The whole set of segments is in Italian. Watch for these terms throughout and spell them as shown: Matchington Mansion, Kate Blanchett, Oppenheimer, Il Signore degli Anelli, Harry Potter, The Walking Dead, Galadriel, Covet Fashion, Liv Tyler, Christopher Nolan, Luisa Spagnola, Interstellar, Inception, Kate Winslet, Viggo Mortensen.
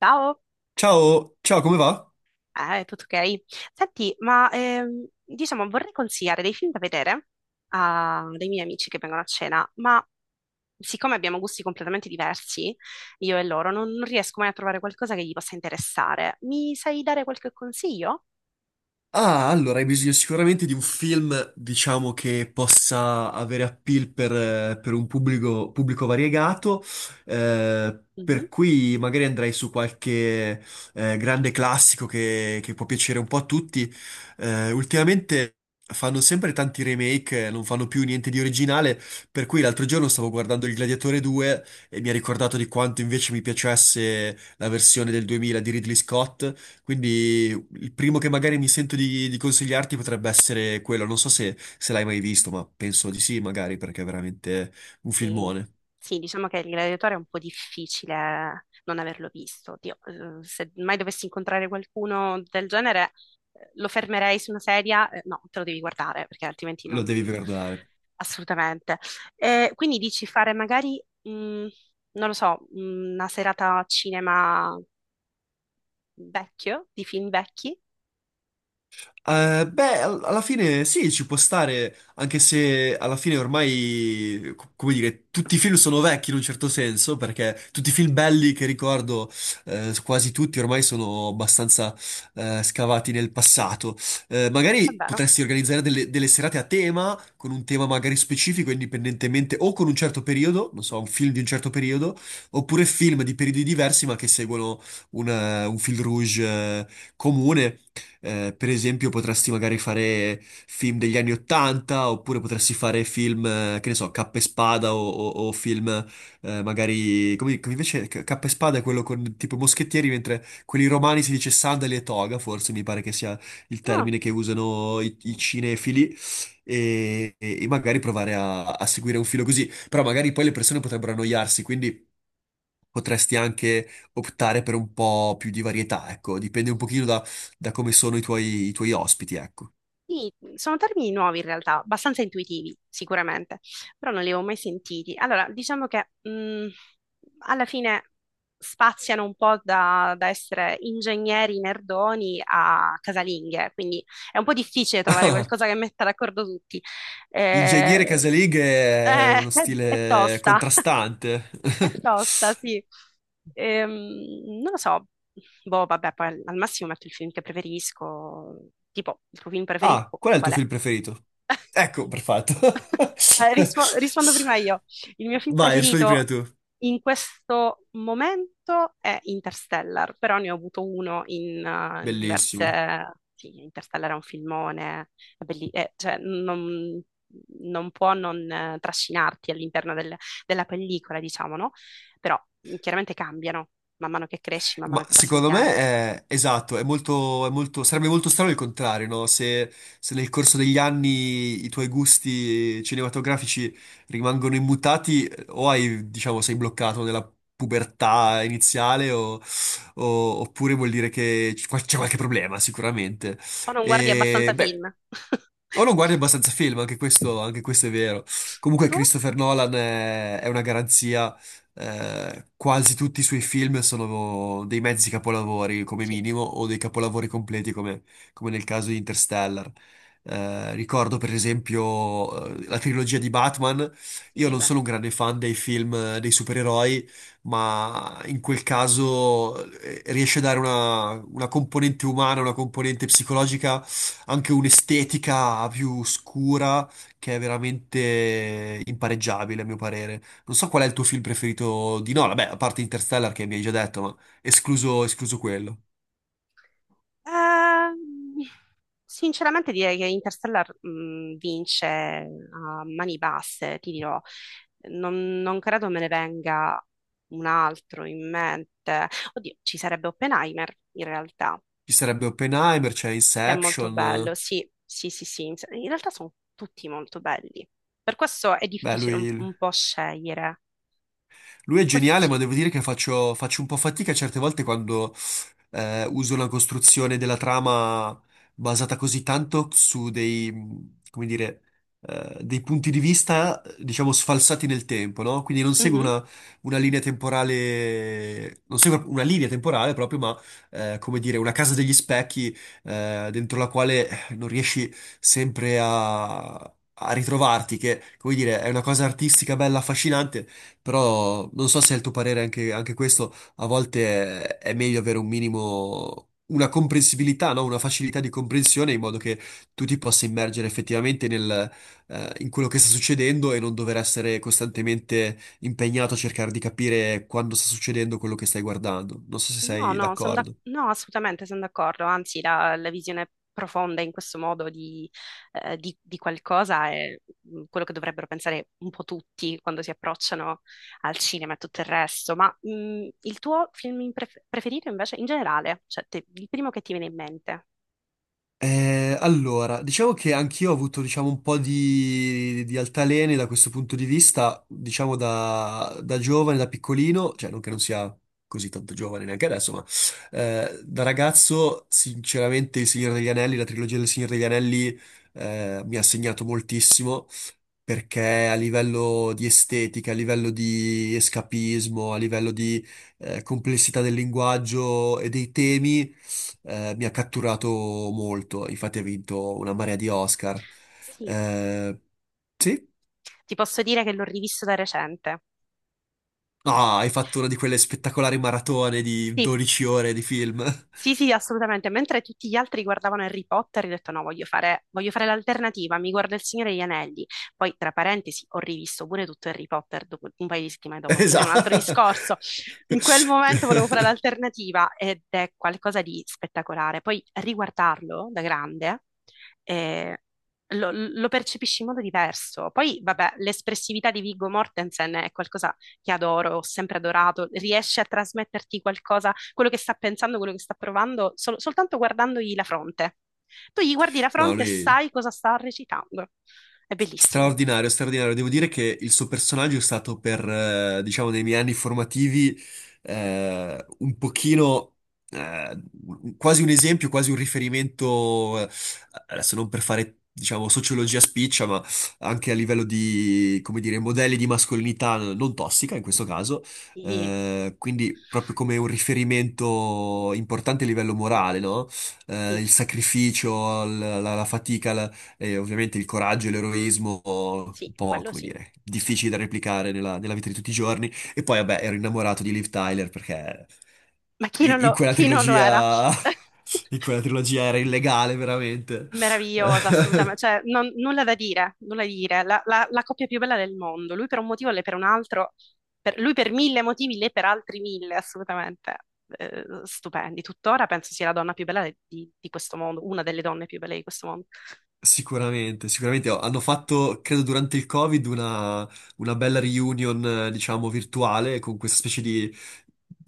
Ciao, Ciao, ciao, come va? Tutto ok? Senti, ma diciamo vorrei consigliare dei film da vedere a dei miei amici che vengono a cena, ma siccome abbiamo gusti completamente diversi, io e loro, non riesco mai a trovare qualcosa che gli possa interessare. Mi sai dare qualche consiglio? Ah, allora hai bisogno sicuramente di un film, diciamo, che possa avere appeal per un pubblico, pubblico variegato, Mhm. per cui magari andrei su qualche grande classico che può piacere un po' a tutti. Ultimamente fanno sempre tanti remake, non fanno più niente di originale, per cui l'altro giorno stavo guardando Il Gladiatore 2 e mi ha ricordato di quanto invece mi piacesse la versione del 2000 di Ridley Scott. Quindi il primo che magari mi sento di consigliarti potrebbe essere quello. Non so se, se l'hai mai visto, ma penso di sì, magari, perché è veramente un Sì, filmone. sì, diciamo che il gladiatore è un po' difficile non averlo visto. Oddio, se mai dovessi incontrare qualcuno del genere, lo fermerei su una sedia. No, te lo devi guardare perché altrimenti Lo non... devi guardare. Assolutamente. Quindi dici fare magari, non lo so, una serata a cinema vecchio, di film vecchi? Beh, alla fine sì, ci può stare, anche se alla fine ormai, come dire, tutti i film sono vecchi in un certo senso, perché tutti i film belli che ricordo, quasi tutti ormai sono abbastanza, scavati nel passato. È Magari vero? potresti organizzare delle serate a tema, con un tema magari specifico, indipendentemente, o con un certo periodo, non so, un film di un certo periodo, oppure film di periodi diversi, ma che seguono un fil rouge, eh, comune. Per esempio, potresti magari fare film degli anni Ottanta, oppure potresti fare film, che ne so, Cappa e Spada o film Come, come invece Cappa e Spada è quello con tipo i moschettieri, mentre quelli romani si dice sandali e toga, forse mi pare che sia il No. termine che usano i cinefili, e magari provare a seguire un filo così. Però magari poi le persone potrebbero annoiarsi, quindi potresti anche optare per un po' più di varietà, ecco, dipende un pochino da, da come sono i tuoi ospiti, ecco. Sì, sono termini nuovi in realtà, abbastanza intuitivi sicuramente, però non li avevo mai sentiti. Allora, diciamo che alla fine spaziano un po' da, da essere ingegneri nerdoni a casalinghe, quindi è un po' difficile trovare qualcosa che metta d'accordo tutti. Eh, Ingegnere casalinghe è uno è stile tosta, contrastante. è tosta, sì. Non lo so, boh, vabbè, poi al massimo metto il film che preferisco, tipo il tuo film preferito Ah, boh, qual è il tuo qual è? film preferito? Ecco, perfetto. Rispondo prima io. Il mio film Vai, rispondi prima preferito tu. in questo momento è Interstellar, però ne ho avuto uno in, in Bellissimo. diverse... Sì, Interstellar è un filmone, cioè, non può non trascinarti all'interno della pellicola, diciamo, no? Però chiaramente cambiano man mano che cresci, man mano Ma che passano gli secondo me anni. è esatto, è molto- sarebbe molto strano il contrario, no? Se, se nel corso degli anni i tuoi gusti cinematografici rimangono immutati, o hai, diciamo, sei bloccato nella pubertà iniziale, oppure vuol dire che c'è qualche problema, sicuramente. O non guardi abbastanza E, film. beh, o non guardi abbastanza film, anche questo è vero. Il Comunque tuo? Christopher Nolan è una garanzia quasi tutti i suoi film sono dei mezzi capolavori come Sì, minimo o dei capolavori completi come, come nel caso di Interstellar. Ricordo per esempio la trilogia di Batman. Io sì, non beh. sono un grande fan dei film dei supereroi, ma in quel caso riesce a dare una componente umana, una componente psicologica, anche un'estetica più scura che è veramente impareggiabile, a mio parere. Non so qual è il tuo film preferito di Nolan, beh, a parte Interstellar che mi hai già detto, ma escluso quello. Ehm, sinceramente direi che Interstellar vince a mani basse, ti dirò. Non credo me ne venga un altro in mente. Oddio, ci sarebbe Oppenheimer in realtà, Ci sarebbe Oppenheimer, c'è che è molto Inception, bello. Sì, sì, sì, sì. In realtà sono tutti molto belli. Per questo è beh, difficile lui un po' scegliere. Lui è Questo geniale, ma devo dire che faccio un po' fatica certe volte quando uso una costruzione della trama basata così tanto su dei, come dire, dei punti di vista, diciamo, sfalsati nel tempo, no? Quindi non seguo sì. Una linea temporale, non seguo una linea temporale proprio, ma come dire, una casa degli specchi dentro la quale non riesci sempre a... a ritrovarti, che, come dire, è una cosa artistica bella, affascinante, però non so se è il tuo parere anche, anche questo, è meglio avere un minimo, una comprensibilità, no? Una facilità di comprensione in modo che tu ti possa immergere effettivamente nel, in quello che sta succedendo e non dover essere costantemente impegnato a cercare di capire quando sta succedendo quello che stai guardando. Non so se No, sei no, d'accordo. no, assolutamente sono d'accordo, anzi la, la visione profonda in questo modo di, di qualcosa è quello che dovrebbero pensare un po' tutti quando si approcciano al cinema e tutto il resto, ma il tuo film in preferito invece in generale, cioè il primo che ti viene in mente? Allora, diciamo che anch'io ho avuto, diciamo, un po' di altalene da questo punto di vista, diciamo da, da giovane, da piccolino, cioè non che non sia così tanto giovane neanche adesso, ma da ragazzo, sinceramente, Il Signore degli Anelli, la trilogia del Signore degli Anelli, mi ha segnato moltissimo perché a livello di estetica, a livello di escapismo, a livello di complessità del linguaggio e dei temi, mi ha catturato molto. Infatti ha vinto una marea di Oscar. Sì, Eh, sì? ti posso dire che l'ho rivisto da recente. Ah, hai fatto una di quelle spettacolari maratone di Sì, 12 ore di film. sì, sì, assolutamente. Mentre tutti gli altri guardavano Harry Potter, io ho detto no, voglio fare l'alternativa, mi guardo Il Signore degli Anelli. Poi, tra parentesi, ho rivisto pure tutto Harry Potter un paio di settimane dopo, volevo un altro Esatto. discorso. In quel momento volevo fare l'alternativa ed è qualcosa di spettacolare. Poi riguardarlo da grande eh, lo percepisci in modo diverso. Poi, vabbè, l'espressività di Viggo Mortensen è qualcosa che adoro, ho sempre adorato, riesce a trasmetterti qualcosa quello che sta pensando, quello che sta provando, soltanto guardandogli la fronte. Tu gli guardi la No, fronte e lui... sai cosa sta recitando. È bellissimo. Straordinario, straordinario. Devo dire che il suo personaggio è stato per, diciamo, nei miei anni formativi un pochino, eh, quasi un esempio, quasi un riferimento, adesso non per fare, diciamo, sociologia spiccia, ma anche a livello di, come dire, modelli di mascolinità non tossica in questo caso, Sì, quindi proprio come un riferimento importante a livello morale, no? Sì, Il sacrificio, la fatica, e ovviamente il coraggio e l'eroismo, sì, un po', quello come sì, dire, difficili da certo. replicare nella, nella vita di tutti i giorni. E poi, vabbè, ero innamorato di Liv Tyler perché Ma in quella chi non lo era? trilogia, in quella trilogia era illegale, veramente. Meravigliosa, assolutamente, cioè nulla da dire, la coppia più bella del mondo, lui per un motivo, lei per un altro, lui per mille motivi, lei per altri mille, assolutamente, eh, stupendi, tuttora penso sia la donna più bella di questo mondo, una delle donne più belle di questo mondo. Sicuramente, sicuramente. Oh, hanno fatto, credo durante il Covid, una bella reunion, diciamo, virtuale con questa specie di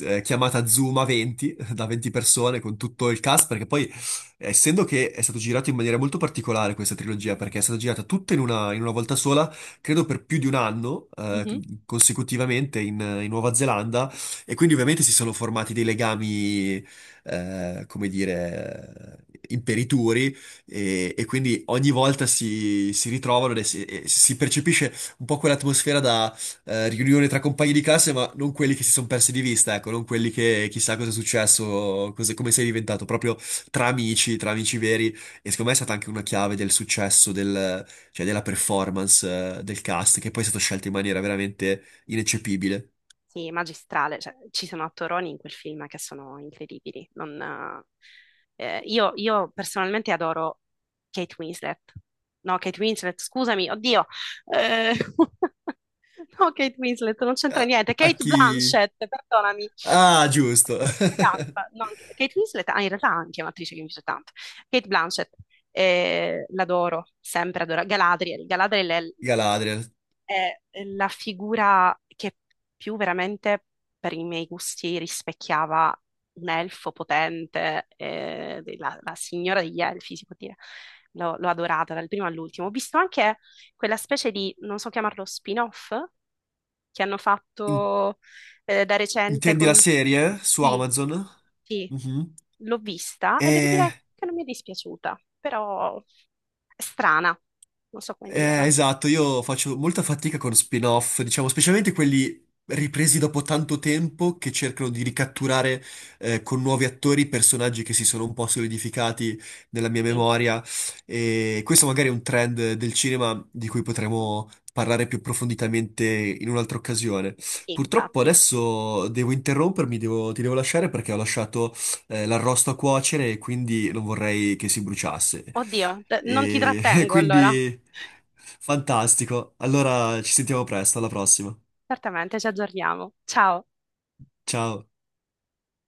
chiamata Zoom a 20, da 20 persone, con tutto il cast, perché poi, essendo che è stato girato in maniera molto particolare questa trilogia, perché è stata girata tutta in una volta sola, credo per più di un anno, Mhm. consecutivamente in, in Nuova Zelanda, e quindi ovviamente si sono formati dei legami, come dire, imperituri e quindi ogni volta si, si ritrovano e si percepisce un po' quell'atmosfera da riunione tra compagni di classe, ma non quelli che si sono persi di vista, ecco, non quelli che chissà cosa è successo, cosa- come sei diventato, proprio tra amici veri. E secondo me è stata anche una chiave del successo, del- cioè della performance del cast, che poi è stato scelto in maniera veramente ineccepibile. Sì, magistrale, cioè, ci sono attoroni in quel film che sono incredibili. Non, io personalmente adoro Kate Winslet. No, Kate Winslet, scusami, oddio. Eh, no, Kate Winslet, non A, c'entra niente. a Kate chi... Blanchett, perdonami. Ah, Ho giusto! fatto una gaffa. No, Kate Winslet, ah, in realtà anche è un'attrice che mi piace tanto. Kate Blanchett, l'adoro, sempre adoro. Galadriel, Galadriel Galadriel. è la figura che più veramente per i miei gusti rispecchiava un elfo potente, la signora degli elfi, si può dire. L'ho adorata dal primo all'ultimo. Ho visto anche quella specie di, non so chiamarlo, spin-off che hanno In- fatto da recente intendi la con... serie su Sì, Amazon? sì, Mhm. l'ho vista e devo Eh, dire che non mi è dispiaciuta, però è strana, non so come dirla. esatto, io faccio molta fatica con spin-off, diciamo, specialmente quelli ripresi dopo tanto tempo che cercano di ricatturare con nuovi attori personaggi che si sono un po' solidificati nella mia Sì. memoria. E questo magari è un trend del cinema di cui potremo parlare più approfonditamente in un'altra occasione. Sì, Purtroppo infatti. adesso devo interrompermi, devo- ti devo lasciare perché ho lasciato l'arrosto a cuocere e quindi non vorrei che si bruciasse. Oddio, non ti E trattengo allora. quindi fantastico. Allora ci sentiamo presto, alla prossima. Certamente, ci aggiorniamo. Ciao. Ciao.